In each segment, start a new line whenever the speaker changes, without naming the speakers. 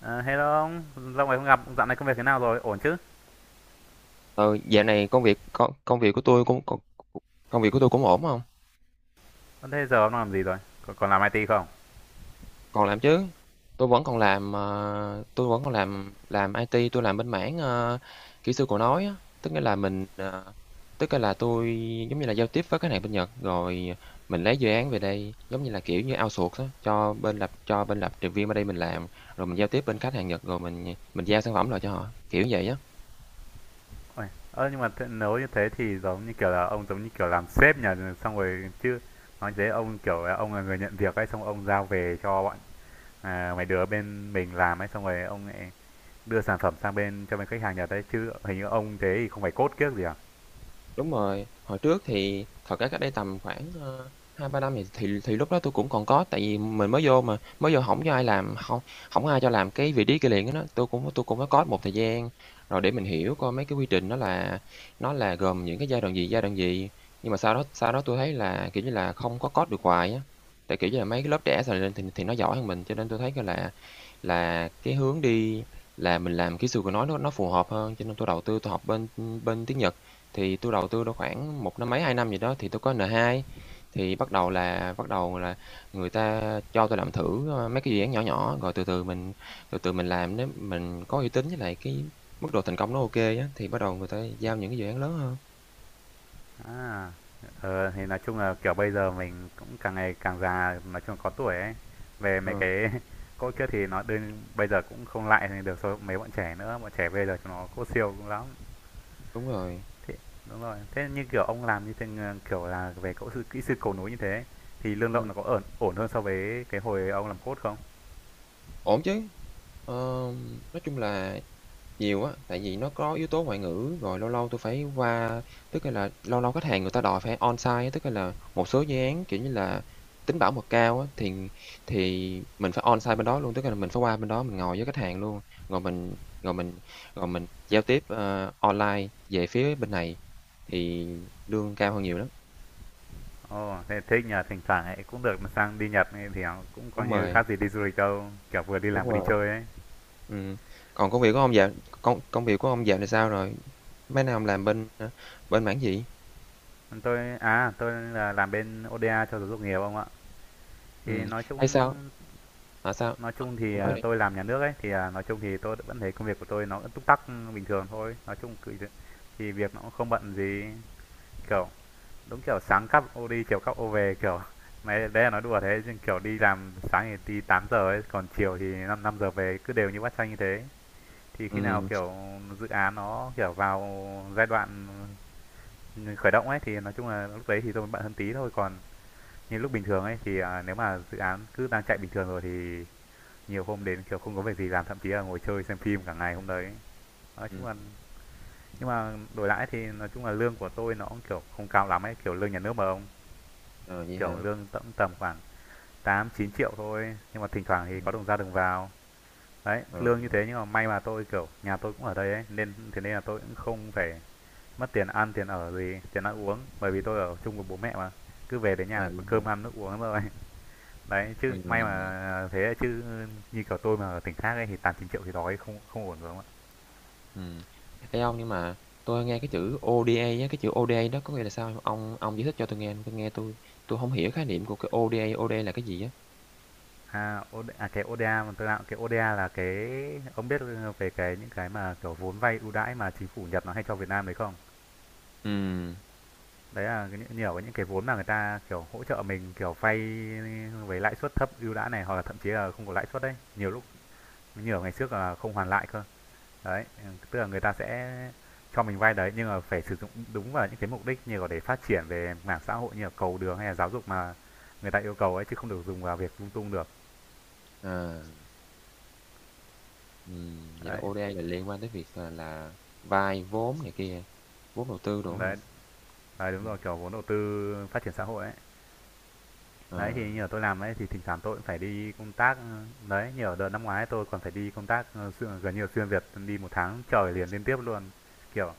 Ờ, Hello ông, lâu ngày không gặp. Dạo này công việc thế nào rồi? Ổn chứ?
Ờ, dạo này công việc của tôi cũng ổn. Không,
Ờ, Thế giờ ông đang làm gì rồi? Còn làm IT không?
còn làm chứ, tôi vẫn còn làm, làm IT. Tôi làm bên mảng, kỹ sư cầu nối á. Tức nghĩa là mình, tức là tôi giống như là giao tiếp với khách hàng bên Nhật, rồi mình lấy dự án về đây, giống như là, kiểu như, outsource á, cho bên lập trình viên ở đây mình làm, rồi mình giao tiếp bên khách hàng Nhật, rồi mình giao sản phẩm lại cho họ, kiểu vậy á.
Ôi, ơ nhưng mà thế, nếu như thế thì giống như kiểu là ông giống như kiểu làm sếp nhỉ, xong rồi chứ, nói thế ông kiểu là ông là người nhận việc ấy, xong ông giao về cho bọn, à, mấy đứa bên mình làm ấy, xong rồi ông lại đưa sản phẩm sang bên cho bên khách hàng Nhật đấy chứ, hình như ông thế thì không phải cốt kiếc gì à?
Đúng rồi, hồi trước thì thật ra cách đây tầm khoảng, 2-3 năm thì lúc đó tôi cũng còn có, tại vì mình mới vô mà, mới vô hổng có ai làm, không không ai cho làm cái vị trí liền á đó. Tôi cũng có code một thời gian rồi để mình hiểu coi mấy cái quy trình nó là, gồm những cái giai đoạn gì, giai đoạn gì. Nhưng mà sau đó tôi thấy là, kiểu như là, không có code được hoài á, tại, kiểu như là, mấy cái lớp trẻ sờ lên thì nó giỏi hơn mình, cho nên tôi thấy coi là cái hướng đi là mình làm kỹ sư của nó nó phù hợp hơn, cho nên tôi đầu tư tôi học bên, bên tiếng Nhật. Thì tôi đầu tư đâu khoảng một năm mấy, 2 năm gì đó thì tôi có N2, thì bắt đầu là người ta cho tôi làm thử, mấy cái dự án nhỏ nhỏ, rồi từ từ mình làm, nếu mình có uy tín với lại cái mức độ thành công nó ok á, thì bắt đầu người ta giao những cái dự án lớn hơn.
À, ờ, thì nói chung là, kiểu, bây giờ mình cũng càng ngày càng già, nói chung là có tuổi ấy, về
Ờ,
mấy cái cỗ kiếc thì nó đương bây giờ cũng không lại thì được so với mấy bọn trẻ nữa, bọn trẻ bây giờ chúng nó cỗ siêu cũng lắm.
đúng rồi.
Thế đúng rồi, thế như kiểu ông làm như thế, ờ, kiểu là, về cỗ sư kỹ sư cầu núi như thế thì lương lậu
Ừm,
nó có ổn ổn hơn so với cái hồi ông làm cốt không?
ổn chứ. Nói chung là nhiều á, tại vì nó có yếu tố ngoại ngữ, rồi lâu lâu tôi phải qua tức là lâu lâu khách hàng người ta đòi phải on-site á, tức là một số dự án, kiểu như là, tính bảo mật cao á, thì mình phải on-site bên đó luôn, tức là mình phải qua bên đó mình ngồi với khách hàng luôn, rồi mình rồi mình rồi mình giao tiếp, online về phía bên này thì lương cao hơn nhiều lắm.
Ồ, thế thích nhỉ, thỉnh thoảng ấy cũng được mà sang đi Nhật ấy thì nó cũng coi
Đúng
như
rồi,
khác gì đi du lịch đâu, kiểu vừa đi làm
đúng
vừa đi
rồi,
chơi ấy.
ừm. Còn công công việc của ông dạo này sao rồi? Mấy năm làm bên, bên mảng gì?
Tôi à, tôi là làm bên ODA cho giáo dục nghề ông ạ. Thì
Ừm, thấy sao? Hả, sao?
nói
Ờ,
chung thì,
cô nói
à,
đi.
tôi làm nhà nước ấy, thì, à, nói chung thì tôi vẫn thấy công việc của tôi nó vẫn túc tắc, ừ, bình thường thôi. Nói chung cứ thì việc nó cũng không bận gì, kiểu, đúng kiểu sáng cắp ô đi, chiều cắp ô về, kiểu mấy đấy là nói đùa thế, chứ, kiểu, đi làm sáng thì đi tám giờ ấy, còn chiều thì 5 năm năm giờ về, cứ đều như bát canh như thế. Thì khi nào,
Ừm.
kiểu, dự án nó, kiểu, vào giai đoạn khởi động ấy, thì nói chung là lúc đấy thì tôi mới bận hơn tí thôi. Còn như lúc bình thường ấy thì, à, nếu mà dự án cứ đang chạy bình thường rồi thì nhiều hôm đến kiểu không có việc gì làm, thậm chí là ngồi chơi xem phim cả ngày hôm đấy. Nói chung
Ừm.
là nhưng mà đổi lại thì nói chung là lương của tôi nó cũng kiểu không cao lắm ấy, kiểu lương nhà nước mà ông,
À, vậy hả?
kiểu lương tầm tầm khoảng 8 9 triệu thôi, nhưng mà thỉnh thoảng thì có
Ừm.
đồng ra đồng vào. Đấy,
Ờ.
lương như thế nhưng mà may mà tôi kiểu nhà tôi cũng ở đây ấy, nên thế nên là tôi cũng không phải mất tiền ăn tiền ở gì, tiền ăn uống, bởi vì tôi ở chung với bố mẹ mà, cứ về đến
À,
nhà là có
vậy hả?
cơm ăn nước uống rồi. Đấy chứ may
Ừm.
mà thế, chứ như kiểu tôi mà ở tỉnh khác ấy thì tám chín triệu thì đói, không không ổn rồi không ạ.
Ừm. Ê, ông, nhưng mà tôi nghe cái chữ ODA á, cái chữ ODA đó có nghĩa là sao hông? Ông giải thích cho tôi nghe, tôi hông hiểu khái niệm của cái ODA, ODA là cái gì á?
À, OD à, cái ODA mà tôi đạo, cái ODA là cái, ông biết về cái những cái mà, kiểu, vốn vay ưu đãi mà chính phủ Nhật nó hay cho Việt Nam đấy không?
Ừm.
Đấy là cái những nhiều cái những cái vốn mà người ta, kiểu, hỗ trợ mình, kiểu, vay với lãi suất thấp ưu đãi này, hoặc là thậm chí là không có lãi suất đấy. Nhiều lúc nhiều ngày trước là không hoàn lại cơ. Đấy, ừ, tức là người ta sẽ cho mình vay đấy, nhưng mà phải sử dụng đúng vào những cái mục đích như là để phát triển về mảng xã hội như là cầu đường hay là giáo dục mà người ta yêu cầu ấy, chứ không được dùng vào việc lung tung được.
À. Ừm, vậy là
Đấy,
ODA là liên quan tới việc, à, là vay vốn này kia, vốn đầu tư đồ á hả?
đấy. Đấy, đúng
Ừm.
rồi, kiểu vốn đầu tư phát triển xã hội ấy.
Ờ,
Đấy, thì như là tôi làm ấy, thì thỉnh thoảng tôi cũng phải đi công tác, ừ, đấy, như ở đợt năm ngoái tôi còn phải đi công tác, ơ, xuyên gần như là xuyên Việt, đi một tháng trời liền liên tiếp luôn. Kiểu,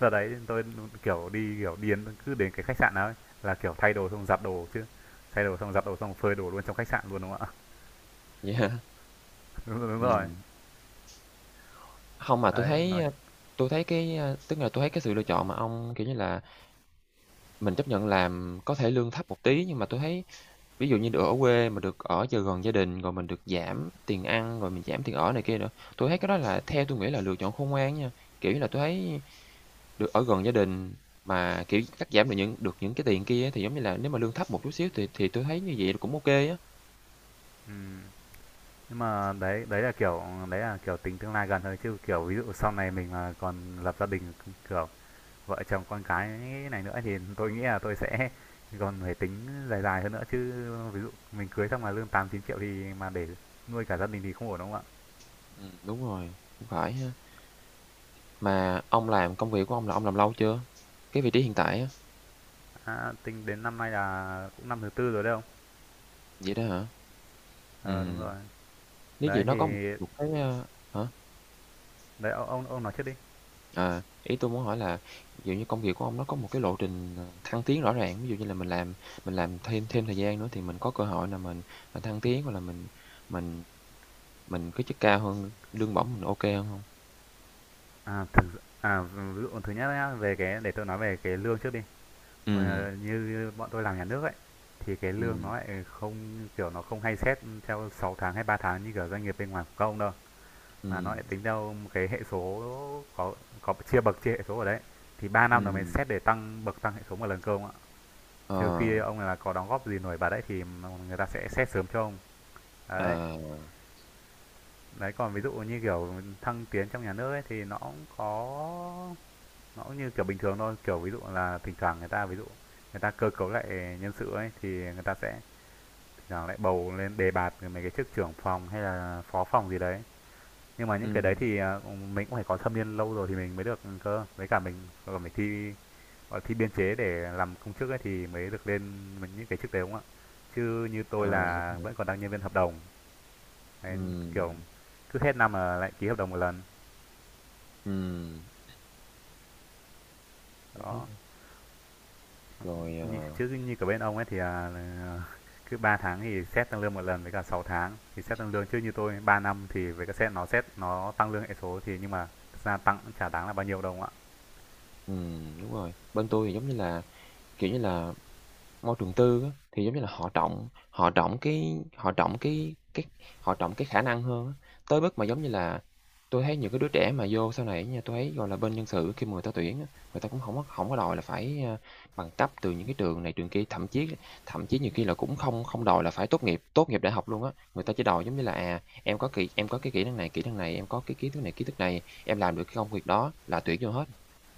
giờ đấy tôi, kiểu, đi đến cứ đến cái khách sạn nào ấy, là, kiểu, thay đồ xong giặt đồ chứ, thay đồ xong giặt đồ xong phơi đồ luôn trong khách sạn luôn, đúng không ạ?
vậy hả?
Đúng rồi.
Ừm. Không mà tôi
Đấy,
thấy,
nói
tui thấy cái, tức là tôi thấy cái sự lựa chọn mà ông, kiểu như là, mình chấp nhận làm có thể lương thấp một tí, nhưng mà tôi thấy ví dụ như được ở quê mà được ở cho gần gia đình, rồi mình được giảm tiền ăn, rồi mình giảm tiền ở này kia nữa. Tôi thấy cái đó là, theo tôi nghĩ, là lựa chọn khôn ngoan nha, kiểu như là, tôi thấy được ở gần gia đình mà, kiểu, cắt giảm được những cái tiền kia thì, giống như là, nếu mà lương thấp một chút xíu thì tôi thấy như vậy cũng ok á.
ừm, nhưng mà đấy đấy là, kiểu, đấy là, kiểu, tính tương lai gần thôi, chứ, kiểu, ví dụ sau này mình mà còn lập gia đình, kiểu vợ chồng con cái này nữa, thì tôi nghĩ là tôi sẽ còn phải tính dài dài hơn nữa chứ. Ví dụ mình cưới xong mà lương 8 9 triệu thì mà để nuôi cả gia đình thì không ổn đúng không ạ?
Đúng rồi, cũng phải ha. Mà ông làm công việc của ông là ông làm lâu chưa? Cái vị trí hiện tại á,
À, tính đến năm nay là cũng năm thứ tư rồi đấy không?
vậy đó hả?
Ờ à, đúng rồi.
Ừm, nếu vậy
Đấy
nó có một
thì
một cái, hả?
đấy, ông nói trước đi.
À, ý tôi muốn hỏi là, ví dụ như, công việc của ông nó có một cái lộ trình, ờ, thăng tiến rõ ràng, ví dụ như là mình làm thêm thêm thời gian nữa thì mình có cơ hội là mình thăng tiến hoặc là mình mình cái chức cao hơn, lương bổng mình ok kê hơn hông?
À thực à, ví dụ thứ nhất nhá, về cái để tôi nói về cái lương trước đi.
Ừm.
Ờ, như, như bọn tôi làm nhà nước ấy thì cái lương
Ừm.
nó lại không kiểu nó không hay xét theo 6 tháng hay 3 tháng như kiểu doanh nghiệp bên ngoài của công đâu, mà nó lại
Ừm.
tính theo một cái hệ số có chia bậc chia hệ số ở đấy, thì 3 năm là mình
Ừm.
xét để tăng bậc tăng hệ số một lần cơ ông ạ,
Ờ.
trừ khi ông là có đóng góp gì nổi bật đấy thì người ta sẽ xét sớm cho ông. Đấy,
À.
đấy còn ví dụ như kiểu thăng tiến trong nhà nước ấy thì nó cũng có, nó cũng như kiểu bình thường thôi, kiểu ví dụ là thỉnh thoảng người ta ví dụ người ta cơ cấu lại nhân sự ấy thì người ta sẽ thỉnh thoảng lại bầu lên đề bạt mấy cái chức trưởng phòng hay là phó phòng gì đấy. Nhưng mà những cái đấy
Ừm.
thì, à, mình cũng phải có thâm niên lâu rồi thì mình mới được cơ. Với cả mình còn phải thi, gọi thi biên chế để làm công chức ấy, thì mới được lên mấy những cái chức đấy, đúng không ạ? Chứ như
À,
tôi
vậy đó.
là vẫn còn đang nhân viên hợp đồng, đấy, kiểu,
Ừm.
cứ hết năm là lại ký hợp đồng một lần.
Ừm, thế ha.
Đó,
Rồi.
như
Ờ.
chứ như cả bên ông ấy thì à, là, à, cứ 3 tháng thì xét tăng lương một lần với cả 6 tháng thì xét tăng lương, chứ như tôi 3 năm thì với cả xét nó tăng lương hệ số thì nhưng mà ra tăng cũng chả đáng là bao nhiêu đâu ạ.
Ừm, đúng rồi, bên tôi thì giống như là, kiểu như là môi trường tư á, thì giống như là họ trọng cái họ trọng cái khả năng hơn á, tới mức mà giống như là tôi thấy những cái đứa trẻ mà vô sau này nha, tôi thấy, gọi là, bên nhân sự khi mà người ta tuyển á, người ta cũng không có, hổng có đòi là phải, bằng cấp từ những cái trường này trường kia, thậm chí, nhiều khi là cũng không không đòi là phải tốt nghiệp đại học luôn á. Người ta chỉ đòi giống như là, à, em có kỹ em có cái kỹ năng này, em có cái kiến thức này, em làm được cái công việc đó là tuyển vô hết,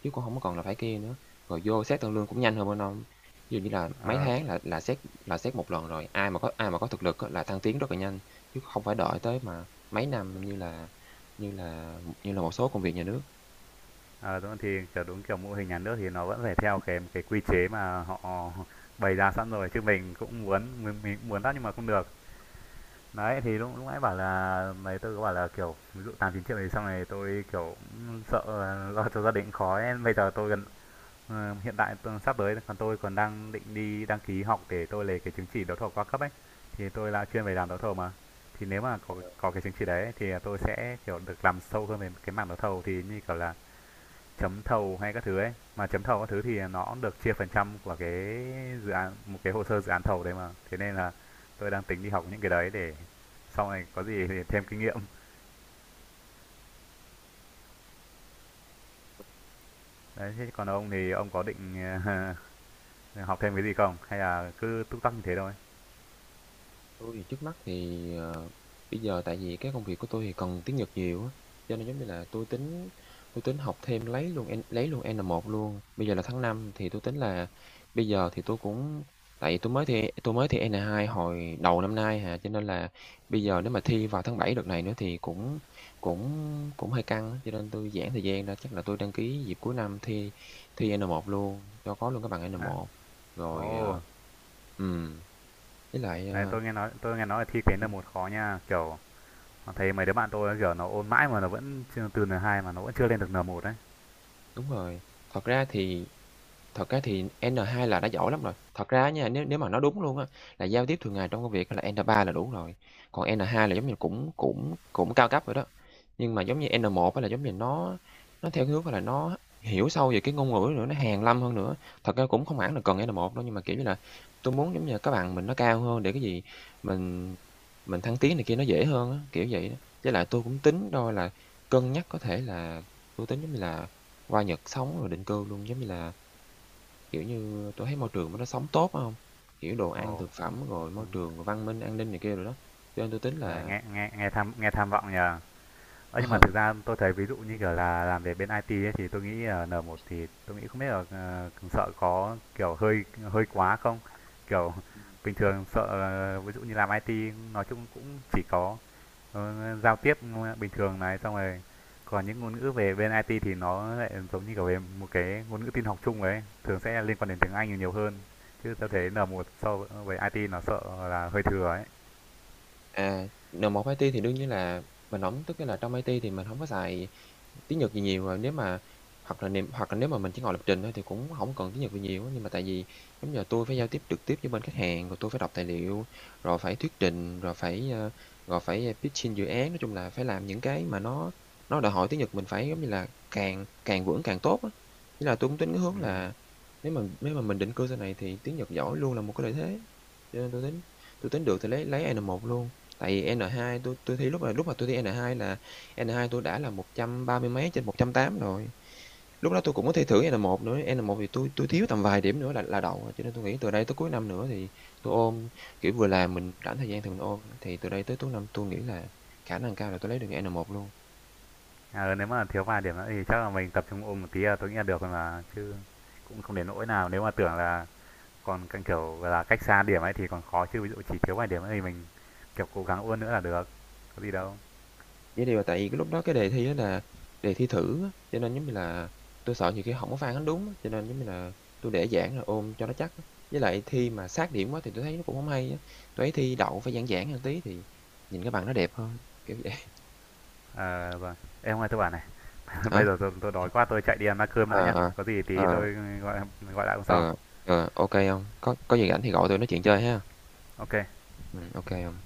chứ cũng không có còn là phải kia nữa. Rồi vô xét tăng lương cũng nhanh hơn bên ông. Ví dụ như là mấy
Ờ,
tháng là xét là xét một lần rồi, ai mà có thực lực á là thăng tiến rất là nhanh, chứ không phải đợi tới mà mấy năm như là như là như là một số công việc nhà nước.
ờ, đúng thì, kiểu, đúng kiểu mô hình nhà nước thì nó vẫn phải theo cái quy chế mà họ bày ra sẵn rồi, chứ mình cũng muốn lắm nhưng mà không được. Đấy, thì lúc lúc nãy bảo là mấy tôi có bảo là, kiểu, ví dụ 8, 9 triệu thì xong này tôi, kiểu, sợ lo cho gia đình khó ấy. Bây giờ tôi gần, ờ, hiện tại tôi sắp tới còn tôi còn đang định đi đăng ký học để tôi lấy cái chứng chỉ đấu thầu qua cấp ấy, thì tôi là chuyên về làm đấu thầu mà. Thì nếu mà có cái chứng chỉ đấy thì tôi sẽ, kiểu, được làm sâu hơn về cái mảng đấu thầu thì như kiểu là chấm thầu hay các thứ ấy, mà chấm thầu các thứ thì nó được chia phần trăm của cái dự án, một cái hồ sơ dự án thầu đấy, mà thế nên là tôi đang tính đi học những cái đấy để sau này có gì thì thêm kinh nghiệm. Đấy, thế còn ông thì ông có định học thêm cái gì không hay là cứ túc tắc như thế thôi?
Tôi thì trước mắt thì, ờ, bây giờ tại vì cái công việc của tôi thì cần tiếng Nhật nhiều á, cho nên giống như là tôi tính học thêm lấy luôn N1 luôn. Bây giờ là tháng 5 thì tôi tính là bây giờ thì tôi cũng, tại vì tôi mới thi N2 hồi đầu năm nay hà, cho nên là bây giờ nếu mà thi vào tháng 7 đợt này nữa thì cũng cũng cũng hơi căng á, cho nên tôi giãn thời gian ra. Chắc là tôi đăng ký dịp cuối năm thi thi N1 luôn, cho có luôn cái bằng N1. Rồi.
Ồ à,
Ờ.
ồ
Ừm. Với lại,
đấy,
ờ,
tôi nghe nói là thi cái N1 khó nha, kiểu thấy mấy đứa bạn tôi kiểu nó ôn mãi mà nó vẫn chưa, từ N2 mà nó vẫn chưa lên được N1 đấy.
đúng rồi. Thật ra thì Thật ra thì N2 là đã giỏi lắm rồi. Thật ra nha, nếu nếu mà nói đúng luôn á, là giao tiếp thường ngày trong công việc là N3 là đủ rồi, còn N2 là giống như cũng cũng cũng cao cấp rồi đó. Nhưng mà giống như N1 á là giống như nó theo cái hướng, là, nó hiểu sâu về cái ngôn ngữ nữa, nó hàn lâm hơn nữa. Thật ra cũng không hẳn là cần N1 đâu, nhưng mà, kiểu như là, tôi muốn giống như các bạn mình nó cao hơn để cái gì mình mình thăng tiến này kia nó dễ hơn á, kiểu vậy đó. Với lại tôi cũng tính đôi là cân nhắc có thể là tôi tính giống như là qua Nhật sống rồi định cư luôn, giống như là, kiểu như, tôi thấy môi trường nó sống tốt á hông? Kiểu, đồ ăn,
Ồ,
thực phẩm, rồi
ừ.
môi trường, văn minh, an ninh này kia rồi đó, cho nên tôi tính
Đấy,
là
nghe nghe nghe tham vọng nhờ. Ơ, nhưng mà
ờ.
thực ra tôi thấy ví dụ như kiểu là làm về bên IT ấy, thì tôi nghĩ là N1 thì tôi nghĩ không biết là, ờ, sợ có, kiểu, hơi hơi quá không? Kiểu, bình thường sợ, ờ, ví dụ như làm IT nói chung cũng chỉ có, ờ, giao tiếp bình thường này, xong rồi còn những ngôn ngữ về bên IT thì nó lại giống như, kiểu, về một cái ngôn ngữ tin học chung ấy, thường sẽ liên quan đến tiếng Anh nhiều hơn, chứ tôi thấy N1 so với IT nó sợ là hơi thừa ấy.
À, N1 một IT thì đương nhiên là mình hổng, tức nghĩa là trong IT thì mình hổng có xài tiếng Nhật gì nhiều, à, nếu mà hoặc là niềm hoặc là nếu mà mình chỉ ngồi lập trình thôi thì cũng hổng cần tiếng Nhật gì nhiều á. Nhưng mà tại vì giống như là tui phải giao tiếp trực tiếp với bên khách hàng, rồi tui phải đọc tài liệu, rồi phải thuyết trình, rồi phải, rồi phải, pitching dự án, nói chung là phải làm những cái mà nó đòi hỏi tiếng Nhật mình phải, giống như là, càng càng vững càng tốt á. Nên là tui cũng tính cái hướng
Ừm.
là nếu mà mình định cư sau này thì tiếng Nhật giỏi luôn là một cái lợi thế, cho nên tui tính được thì lấy A n một luôn. Tại vì N2 tôi tôi thi lúc là lúc mà tôi thi N2 là N2 tôi đã là 130 mấy trên 180 rồi. Lúc đó tôi cũng có thi thử N1 nữa, N1 thì tôi thiếu tầm vài điểm nữa là đậu, cho nên tôi nghĩ từ đây tới cuối năm nữa thì tôi ôn, kiểu, vừa làm mình rảnh thời gian thì mình ôn, thì từ đây tới cuối năm tôi nghĩ là khả năng cao là tôi lấy được N1 luôn.
Ờ, nếu mà thiếu vài điểm nữa thì chắc là mình tập trung ôm một tí là tôi nghĩ là được rồi mà. Chứ cũng không đến nỗi nào. Nếu mà tưởng là còn càng kiểu là cách xa điểm ấy thì còn khó. Chứ ví dụ chỉ thiếu vài điểm nữa thì mình kiểu cố gắng ôn nữa là được. Có gì đâu.
Vậy thì là tại vì cái lúc đó cái đề thi đó là đề thi thử á, cho nên giống như là tôi sợ nhiều khi hổng có phản ánh đúng á, cho nên giống như là tôi để giãn rồi ôm cho nó chắc á. Với lại thi mà sát điểm quá thì tôi thấy nó cũng không hay á, tui thấy thi đậu phải giãn giãn hơn tí thì nhìn cái bằng nó đẹp hơn, kiểu vậy.
Ờ, vâng. Ê, hôm tôi bảo này. Bây
Hả?
giờ tôi đói quá tôi chạy đi ăn bát cơm đã
Ờ,
nhá.
ờ,
Có gì tí
ờ,
tôi gọi gọi lại hôm sau.
ờ, ờ, ô kê. Có gì rảnh thì gọi tôi nói chuyện chơi ha.
Ok.
Ô